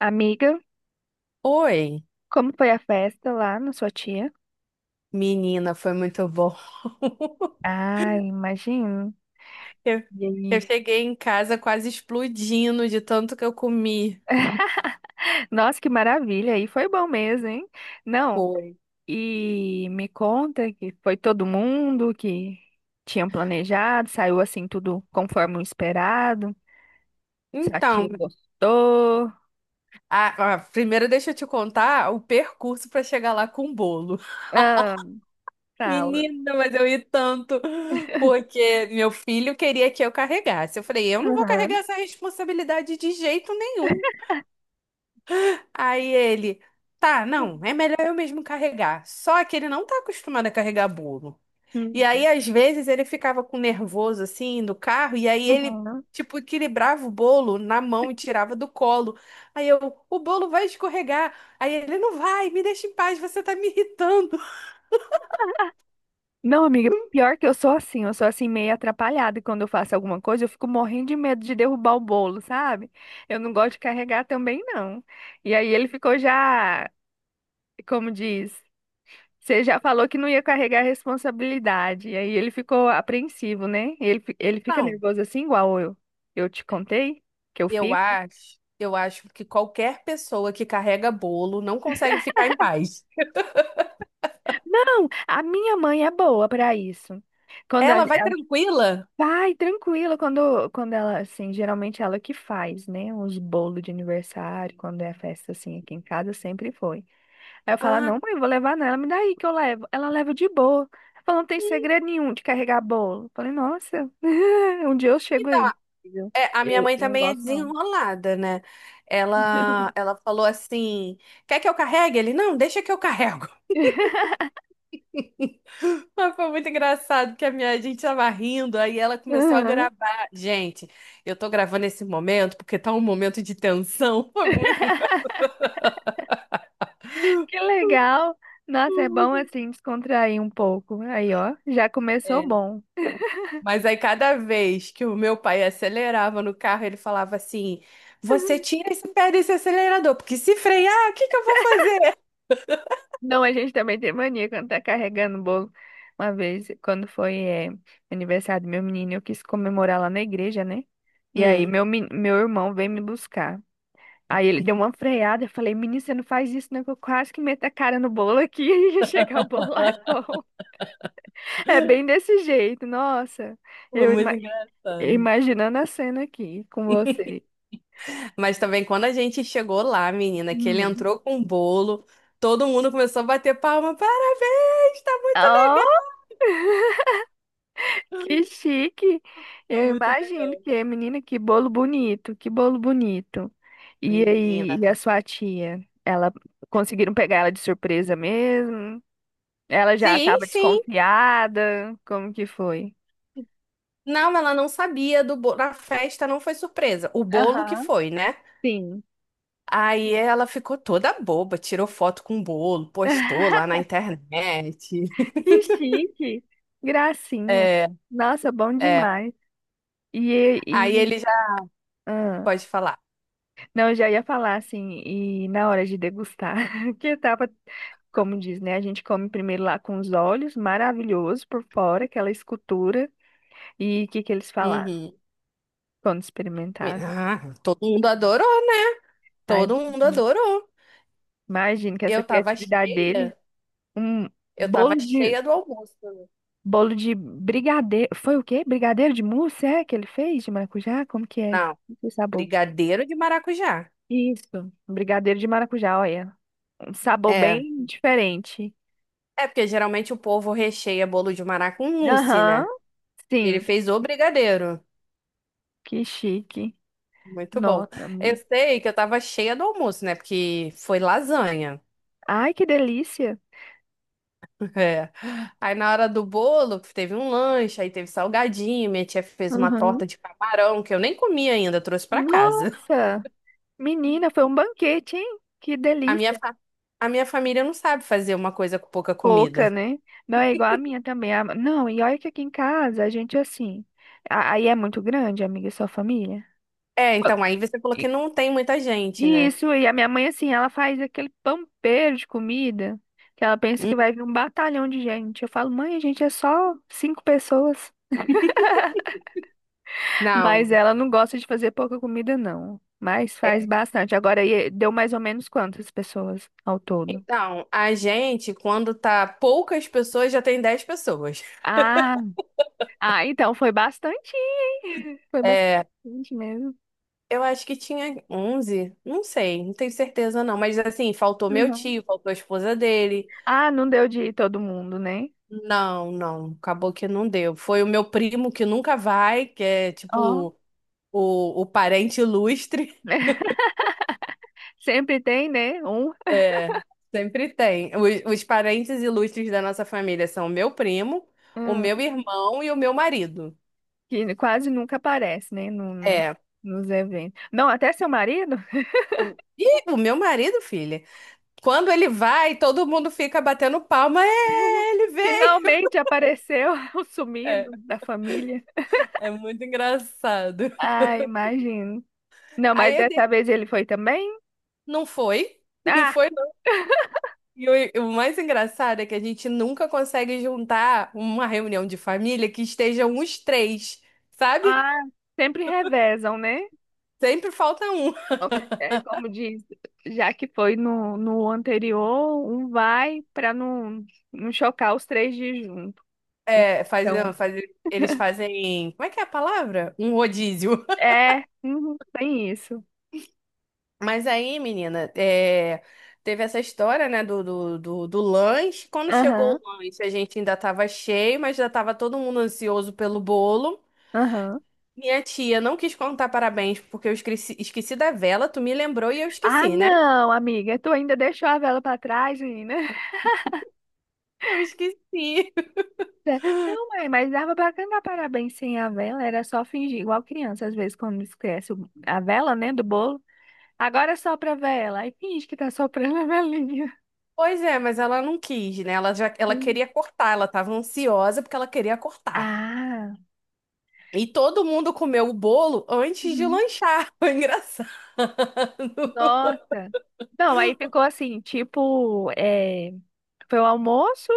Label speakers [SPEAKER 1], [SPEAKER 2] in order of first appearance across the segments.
[SPEAKER 1] Amiga,
[SPEAKER 2] Oi,
[SPEAKER 1] como foi a festa lá na sua tia?
[SPEAKER 2] menina, foi muito bom.
[SPEAKER 1] Ah, imagino.
[SPEAKER 2] Eu,
[SPEAKER 1] E
[SPEAKER 2] eu
[SPEAKER 1] aí?
[SPEAKER 2] cheguei em casa quase explodindo de tanto que eu comi.
[SPEAKER 1] Nossa, que maravilha! E foi bom mesmo, hein? Não,
[SPEAKER 2] Foi.
[SPEAKER 1] e me conta que foi todo mundo que tinha planejado, saiu assim tudo conforme o esperado. Sua
[SPEAKER 2] Então,
[SPEAKER 1] tia gostou.
[SPEAKER 2] primeiro deixa eu te contar o percurso para chegar lá com o bolo.
[SPEAKER 1] Ah, fala.
[SPEAKER 2] Menina, mas eu ri tanto, porque meu filho queria que eu carregasse. Eu falei, eu não vou carregar
[SPEAKER 1] Aham.
[SPEAKER 2] essa responsabilidade de jeito nenhum. Aí ele, tá, não, é melhor eu mesmo carregar. Só que ele não tá acostumado a carregar bolo. E
[SPEAKER 1] Uhum.
[SPEAKER 2] aí, às vezes, ele ficava com nervoso assim no carro, e aí ele,
[SPEAKER 1] Uhum.
[SPEAKER 2] tipo, equilibrava o bolo na mão e tirava do colo. Aí eu, o bolo vai escorregar. Aí ele, não vai, me deixa em paz, você tá me irritando.
[SPEAKER 1] Não, amiga, pior que eu sou assim meio atrapalhada e quando eu faço alguma coisa, eu fico morrendo de medo de derrubar o bolo, sabe? Eu não gosto de carregar também, não. E aí ele ficou já, como diz, você já falou que não ia carregar a responsabilidade, e aí ele ficou apreensivo, né? Ele, ele fica
[SPEAKER 2] Não,
[SPEAKER 1] nervoso assim, igual eu te contei que eu
[SPEAKER 2] eu
[SPEAKER 1] fico.
[SPEAKER 2] acho, eu acho que qualquer pessoa que carrega bolo não consegue ficar em paz.
[SPEAKER 1] Não, a minha mãe é boa para isso. Quando a,
[SPEAKER 2] Ela vai tranquila.
[SPEAKER 1] vai, tranquilo, quando ela, assim, geralmente ela que faz, né, uns bolos de aniversário, quando é festa, assim, aqui em casa, sempre foi. Aí eu falo, "Ah,
[SPEAKER 2] Ah,
[SPEAKER 1] não, mãe, eu vou levar nela, me dá aí que eu levo. Ela leva de boa. Ela falou, não tem segredo nenhum de carregar bolo. Eu falei, nossa, um dia eu
[SPEAKER 2] que
[SPEAKER 1] chego aí.
[SPEAKER 2] da
[SPEAKER 1] Viu?
[SPEAKER 2] é, a minha
[SPEAKER 1] Eu,
[SPEAKER 2] mãe
[SPEAKER 1] eu não
[SPEAKER 2] também é
[SPEAKER 1] gosto, não.
[SPEAKER 2] desenrolada, né? Ela falou assim: quer que eu carregue? Ele, não, deixa que eu carrego. Mas foi muito engraçado que a minha gente tava rindo, aí ela começou a
[SPEAKER 1] Aham.
[SPEAKER 2] gravar. Gente, eu tô gravando esse momento porque tá um momento de tensão. Foi muito engraçado.
[SPEAKER 1] Que legal. Nossa, é bom, assim, descontrair um pouco. Aí, ó, já começou
[SPEAKER 2] É.
[SPEAKER 1] bom.
[SPEAKER 2] Mas aí cada vez que o meu pai acelerava no carro, ele falava assim: Você tira esse pé desse acelerador, porque se frear, o que que eu vou fazer?
[SPEAKER 1] Não, a gente também tem mania quando tá carregando o bolo. Uma vez, quando foi, aniversário do meu menino, eu quis comemorar lá na igreja, né? E aí,
[SPEAKER 2] Hum,
[SPEAKER 1] meu, meu irmão veio me buscar. Aí ele deu uma freada, eu falei, menino, você não faz isso, não, que eu quase que meto a cara no bolo aqui e chegar o bolo lá é bom. É bem desse jeito, nossa.
[SPEAKER 2] Foi
[SPEAKER 1] Eu
[SPEAKER 2] muito
[SPEAKER 1] ima-
[SPEAKER 2] engraçado.
[SPEAKER 1] Imaginando a cena aqui com você.
[SPEAKER 2] Mas também quando a gente chegou lá, menina, que ele
[SPEAKER 1] Hum.
[SPEAKER 2] entrou com o bolo, todo mundo começou a bater palma. Parabéns, tá muito legal.
[SPEAKER 1] Que chique!
[SPEAKER 2] Foi
[SPEAKER 1] Eu
[SPEAKER 2] muito
[SPEAKER 1] imagino
[SPEAKER 2] legal.
[SPEAKER 1] que, é, menina, que bolo bonito, que bolo bonito. E aí,
[SPEAKER 2] Menina.
[SPEAKER 1] e a sua tia? Ela conseguiram pegar ela de surpresa mesmo? Ela já
[SPEAKER 2] Sim,
[SPEAKER 1] estava
[SPEAKER 2] sim.
[SPEAKER 1] desconfiada? Como que foi?
[SPEAKER 2] Não, ela não sabia do bolo. A festa não foi surpresa. O bolo que
[SPEAKER 1] Aham,
[SPEAKER 2] foi, né?
[SPEAKER 1] sim.
[SPEAKER 2] Aí ela ficou toda boba, tirou foto com o bolo, postou lá na internet.
[SPEAKER 1] Que chique! Gracinha!
[SPEAKER 2] É,
[SPEAKER 1] Nossa, bom
[SPEAKER 2] é.
[SPEAKER 1] demais. E,
[SPEAKER 2] Aí
[SPEAKER 1] e,
[SPEAKER 2] ele já
[SPEAKER 1] ah.
[SPEAKER 2] pode falar.
[SPEAKER 1] Não, eu já ia falar assim, e na hora de degustar, que etapa, como diz, né? A gente come primeiro lá com os olhos, maravilhoso por fora, aquela escultura. E o que que eles falaram
[SPEAKER 2] Uhum.
[SPEAKER 1] quando experimentaram?
[SPEAKER 2] Ah, todo mundo adorou, né?
[SPEAKER 1] Ai,
[SPEAKER 2] Todo mundo adorou.
[SPEAKER 1] imagino que essa
[SPEAKER 2] Eu tava
[SPEAKER 1] criatividade dele,
[SPEAKER 2] cheia.
[SPEAKER 1] um
[SPEAKER 2] Eu tava
[SPEAKER 1] bolo de
[SPEAKER 2] cheia do almoço.
[SPEAKER 1] bolo de brigadeiro, foi o quê? Brigadeiro de mousse, é que ele fez de maracujá? Como que é?
[SPEAKER 2] Não,
[SPEAKER 1] Que sabor?
[SPEAKER 2] brigadeiro de maracujá.
[SPEAKER 1] Isso, um brigadeiro de maracujá, olha, um sabor
[SPEAKER 2] É.
[SPEAKER 1] bem diferente.
[SPEAKER 2] É porque geralmente o povo recheia bolo de maracujá com mousse,
[SPEAKER 1] Aham.
[SPEAKER 2] né? Ele
[SPEAKER 1] Sim.
[SPEAKER 2] fez o brigadeiro.
[SPEAKER 1] Que chique.
[SPEAKER 2] Muito bom.
[SPEAKER 1] Nota,
[SPEAKER 2] Eu
[SPEAKER 1] amigo.
[SPEAKER 2] sei que eu tava cheia do almoço, né? Porque foi lasanha.
[SPEAKER 1] Ai, que delícia.
[SPEAKER 2] É. Aí na hora do bolo, teve um lanche, aí teve salgadinho. Minha tia fez uma
[SPEAKER 1] Uhum.
[SPEAKER 2] torta de camarão que eu nem comi ainda, trouxe pra casa.
[SPEAKER 1] Nossa, menina, foi um banquete, hein? Que
[SPEAKER 2] A minha,
[SPEAKER 1] delícia.
[SPEAKER 2] fa- a minha família não sabe fazer uma coisa com pouca
[SPEAKER 1] Pouca,
[SPEAKER 2] comida.
[SPEAKER 1] né? Não é igual a minha também. Não, e olha que aqui em casa a gente assim. Aí é muito grande, amiga, sua família.
[SPEAKER 2] É,
[SPEAKER 1] Qua-
[SPEAKER 2] então aí você falou que
[SPEAKER 1] e-
[SPEAKER 2] não tem muita gente, né?
[SPEAKER 1] Isso, e a minha mãe assim, ela faz aquele pampeiro de comida que ela pensa que
[SPEAKER 2] Hum,
[SPEAKER 1] vai vir um batalhão de gente. Eu falo, mãe, a gente é só cinco pessoas.
[SPEAKER 2] não.
[SPEAKER 1] Mas ela não gosta de fazer pouca comida, não. Mas faz
[SPEAKER 2] É,
[SPEAKER 1] bastante. Agora, e deu mais ou menos quantas pessoas ao todo?
[SPEAKER 2] então, a gente, quando tá poucas pessoas, já tem 10 pessoas.
[SPEAKER 1] Ah, ah, então foi bastante, hein? Foi
[SPEAKER 2] É,
[SPEAKER 1] bastante mesmo.
[SPEAKER 2] eu acho que tinha 11, não sei, não tenho certeza não, mas assim, faltou meu
[SPEAKER 1] Uhum.
[SPEAKER 2] tio, faltou a esposa dele.
[SPEAKER 1] Ah, não deu de ir todo mundo, né?
[SPEAKER 2] Não, não, acabou que não deu. Foi o meu primo que nunca vai, que é
[SPEAKER 1] Ó,
[SPEAKER 2] tipo o parente ilustre.
[SPEAKER 1] sempre tem, né? Um
[SPEAKER 2] É, sempre tem. Os parentes ilustres da nossa família são o meu primo, o meu
[SPEAKER 1] hum,
[SPEAKER 2] irmão e o meu marido.
[SPEAKER 1] que quase nunca aparece, né?
[SPEAKER 2] É.
[SPEAKER 1] Nos eventos. Não, até seu marido
[SPEAKER 2] E o meu marido, filha. Quando ele vai, todo mundo fica batendo palma. É, ele veio.
[SPEAKER 1] finalmente apareceu, o
[SPEAKER 2] É,
[SPEAKER 1] sumido da família.
[SPEAKER 2] é muito engraçado.
[SPEAKER 1] Ah, imagino. Não, mas
[SPEAKER 2] Aí eu dei,
[SPEAKER 1] dessa vez ele foi também?
[SPEAKER 2] não foi, não
[SPEAKER 1] Ah,
[SPEAKER 2] foi não. E o mais engraçado é que a gente nunca consegue juntar uma reunião de família que estejam os três, sabe?
[SPEAKER 1] ah, sempre revezam, né?
[SPEAKER 2] Sempre falta um.
[SPEAKER 1] É como diz, já que foi no anterior, um vai para não chocar os três de junto.
[SPEAKER 2] É,
[SPEAKER 1] Então,
[SPEAKER 2] faz, eles fazem, como é que é a palavra? Um rodízio.
[SPEAKER 1] é, uhum, tem isso.
[SPEAKER 2] Mas aí, menina, é, teve essa história, né, do lanche. Quando chegou
[SPEAKER 1] Aham,
[SPEAKER 2] o lanche, a gente ainda tava cheio, mas já tava todo mundo ansioso pelo bolo.
[SPEAKER 1] aham.
[SPEAKER 2] Minha tia não quis contar parabéns porque eu esqueci, esqueci da vela, tu me lembrou e eu
[SPEAKER 1] Ah,
[SPEAKER 2] esqueci, né?
[SPEAKER 1] não, amiga, tu ainda deixou a vela para trás, menina.
[SPEAKER 2] Eu esqueci.
[SPEAKER 1] É, não, mãe, mas dava pra cantar parabéns sem a vela, era só fingir, igual criança, às vezes, quando esquece a vela, né, do bolo. Agora sopra a vela. Aí finge que tá soprando a velinha.
[SPEAKER 2] Pois é, mas ela não quis, né? Ela já, ela
[SPEAKER 1] Hum.
[SPEAKER 2] queria cortar, ela tava ansiosa porque ela queria cortar.
[SPEAKER 1] Ah,
[SPEAKER 2] E todo mundo comeu o bolo antes de
[SPEAKER 1] uhum,
[SPEAKER 2] lanchar. Foi engraçado.
[SPEAKER 1] nossa. Não, aí ficou assim, tipo, é, foi o almoço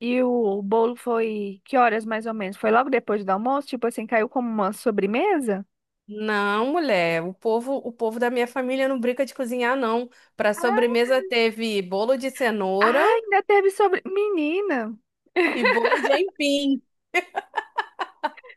[SPEAKER 1] e o bolo foi que horas mais ou menos? Foi logo depois do almoço? Tipo assim, caiu como uma sobremesa?
[SPEAKER 2] Não, mulher, o povo da minha família não brinca de cozinhar, não. Para sobremesa teve bolo de
[SPEAKER 1] Ah,
[SPEAKER 2] cenoura
[SPEAKER 1] ainda teve sobre... Menina,
[SPEAKER 2] e bolo de aipim.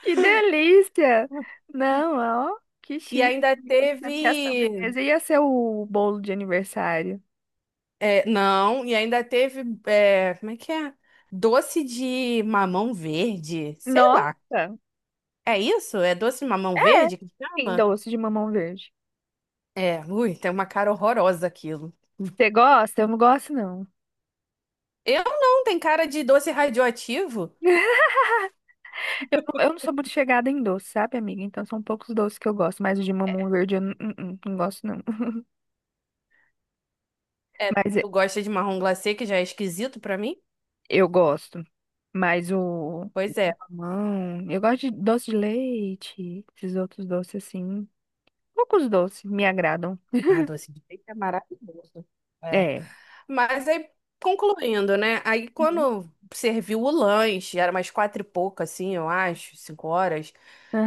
[SPEAKER 1] que delícia! Não, ó, que
[SPEAKER 2] E
[SPEAKER 1] chique.
[SPEAKER 2] ainda
[SPEAKER 1] Eu pensando que a
[SPEAKER 2] teve.
[SPEAKER 1] sobremesa ia ser o bolo de aniversário.
[SPEAKER 2] É, não, e ainda teve, é, como é que é? Doce de mamão verde, sei
[SPEAKER 1] Nossa!
[SPEAKER 2] lá. É isso? É doce de mamão
[SPEAKER 1] É,
[SPEAKER 2] verde que
[SPEAKER 1] sim,
[SPEAKER 2] chama?
[SPEAKER 1] doce de mamão verde.
[SPEAKER 2] É, ui, tem uma cara horrorosa aquilo.
[SPEAKER 1] Você gosta? Eu não gosto, não.
[SPEAKER 2] Eu não, tem cara de doce radioativo.
[SPEAKER 1] Eu não sou muito chegada em doce, sabe, amiga? Então são poucos doces que eu gosto, mas o de mamão verde eu não gosto, não.
[SPEAKER 2] É,
[SPEAKER 1] Mas
[SPEAKER 2] tu gosta de marrom glacê, que já é esquisito pra mim?
[SPEAKER 1] eu gosto. Mas o
[SPEAKER 2] Pois é.
[SPEAKER 1] mamão, eu gosto de doce de leite, esses outros doces assim. Poucos doces me agradam.
[SPEAKER 2] Ah, doce de leite é maravilhoso. É.
[SPEAKER 1] É.
[SPEAKER 2] Mas aí, concluindo, né? Aí
[SPEAKER 1] Uhum.
[SPEAKER 2] quando serviu o lanche, era umas quatro e pouco, assim, eu acho, 5 horas.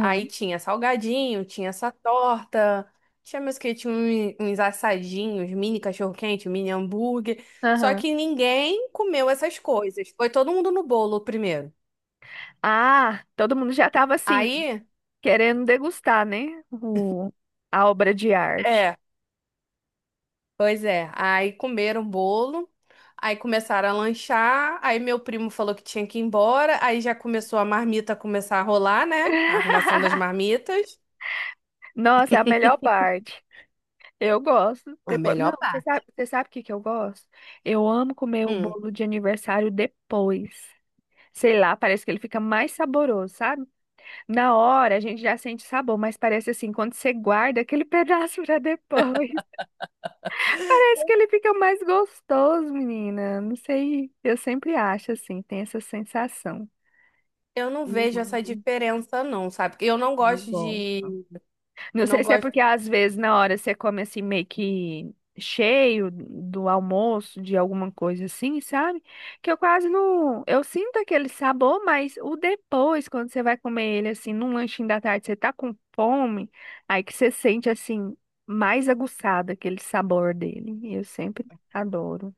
[SPEAKER 2] Aí tinha salgadinho, tinha essa torta, tinha meus que tinha uns assadinhos, mini cachorro-quente, mini hambúrguer. Só
[SPEAKER 1] Aham.
[SPEAKER 2] que ninguém comeu essas coisas. Foi todo mundo no bolo primeiro.
[SPEAKER 1] Ah, todo mundo já tava assim,
[SPEAKER 2] Aí,
[SPEAKER 1] querendo degustar, né? O, a obra de arte.
[SPEAKER 2] é. Pois é, aí comeram o bolo, aí começaram a lanchar, aí meu primo falou que tinha que ir embora, aí já começou a marmita a começar a rolar, né? A arrumação das marmitas.
[SPEAKER 1] Nossa, é a melhor parte. Eu gosto.
[SPEAKER 2] A
[SPEAKER 1] Depois... Não,
[SPEAKER 2] melhor parte.
[SPEAKER 1] você sabe o que que eu gosto? Eu amo comer o
[SPEAKER 2] Hum,
[SPEAKER 1] bolo de aniversário depois. Sei lá, parece que ele fica mais saboroso, sabe? Na hora a gente já sente sabor, mas parece assim, quando você guarda aquele pedaço pra depois, parece que ele fica mais gostoso, menina. Não sei, eu sempre acho assim, tem essa sensação.
[SPEAKER 2] eu não
[SPEAKER 1] Eu
[SPEAKER 2] vejo essa
[SPEAKER 1] amo,
[SPEAKER 2] diferença não, sabe? Porque eu não
[SPEAKER 1] eu
[SPEAKER 2] gosto
[SPEAKER 1] gosto.
[SPEAKER 2] de,
[SPEAKER 1] Não
[SPEAKER 2] eu
[SPEAKER 1] sei
[SPEAKER 2] não
[SPEAKER 1] se é
[SPEAKER 2] gosto.
[SPEAKER 1] porque às vezes na hora você come assim meio que cheio do almoço, de alguma coisa assim, sabe? Que eu quase não. Eu sinto aquele sabor, mas o depois, quando você vai comer ele assim, num lanchinho da tarde, você tá com fome, aí que você sente assim, mais aguçado aquele sabor dele. Eu sempre adoro.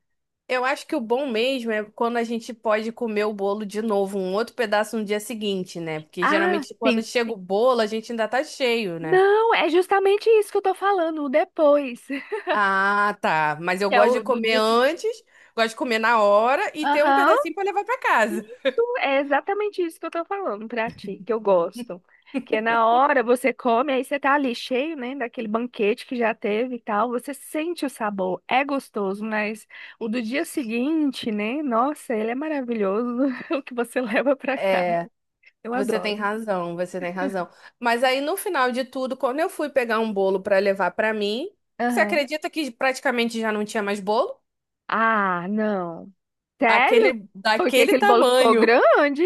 [SPEAKER 2] Eu acho que o bom mesmo é quando a gente pode comer o bolo de novo, um outro pedaço no dia seguinte, né? Porque
[SPEAKER 1] Ah,
[SPEAKER 2] geralmente
[SPEAKER 1] sim.
[SPEAKER 2] quando chega o bolo, a gente ainda tá cheio, né?
[SPEAKER 1] Não, é justamente isso que eu tô falando, o depois.
[SPEAKER 2] Ah, tá. Mas eu
[SPEAKER 1] Que é
[SPEAKER 2] gosto de
[SPEAKER 1] o do
[SPEAKER 2] comer
[SPEAKER 1] dia.
[SPEAKER 2] antes, gosto de comer na hora e ter um
[SPEAKER 1] Aham.
[SPEAKER 2] pedacinho pra levar pra casa.
[SPEAKER 1] Isso é exatamente isso que eu tô falando pra ti, que eu gosto. Que na hora você come, aí você tá ali cheio, né, daquele banquete que já teve e tal, você sente o sabor, é gostoso, mas o do dia seguinte, né, nossa, ele é maravilhoso, o que você leva pra casa.
[SPEAKER 2] É,
[SPEAKER 1] Eu
[SPEAKER 2] você tem
[SPEAKER 1] adoro.
[SPEAKER 2] razão, você tem razão. Mas aí no final de tudo, quando eu fui pegar um bolo pra levar pra mim, você
[SPEAKER 1] Aham.
[SPEAKER 2] acredita que praticamente já não tinha mais bolo?
[SPEAKER 1] Ah, não. Sério?
[SPEAKER 2] Aquele
[SPEAKER 1] Porque
[SPEAKER 2] daquele
[SPEAKER 1] aquele bolo ficou
[SPEAKER 2] tamanho.
[SPEAKER 1] grande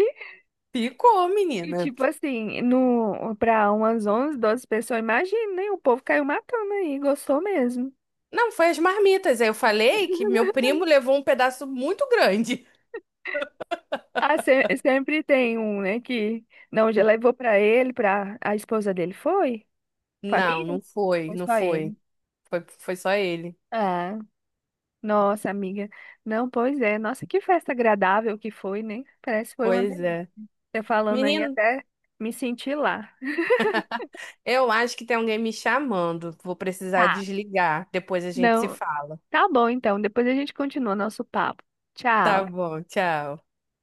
[SPEAKER 2] Ficou,
[SPEAKER 1] e,
[SPEAKER 2] menina.
[SPEAKER 1] tipo assim, no, pra umas 11 12 pessoas, imagina, né, o povo caiu matando aí, gostou mesmo.
[SPEAKER 2] Não, foi as marmitas. Aí eu falei que meu primo levou um pedaço muito grande.
[SPEAKER 1] Ah, sempre tem um, né, que não, já levou pra ele, pra a esposa dele, foi?
[SPEAKER 2] Não,
[SPEAKER 1] Família?
[SPEAKER 2] não foi,
[SPEAKER 1] Foi
[SPEAKER 2] não
[SPEAKER 1] só
[SPEAKER 2] foi.
[SPEAKER 1] ele.
[SPEAKER 2] Foi, foi só ele.
[SPEAKER 1] Ah, nossa, amiga. Não, pois é. Nossa, que festa agradável que foi, né? Parece que foi uma
[SPEAKER 2] Pois
[SPEAKER 1] delícia.
[SPEAKER 2] é.
[SPEAKER 1] Você falando aí
[SPEAKER 2] Menino,
[SPEAKER 1] até me senti lá.
[SPEAKER 2] eu acho que tem alguém me chamando. Vou precisar
[SPEAKER 1] Tá.
[SPEAKER 2] desligar. Depois a gente se
[SPEAKER 1] Não,
[SPEAKER 2] fala.
[SPEAKER 1] tá bom então. Depois a gente continua nosso papo.
[SPEAKER 2] Tá
[SPEAKER 1] Tchau.
[SPEAKER 2] bom, tchau.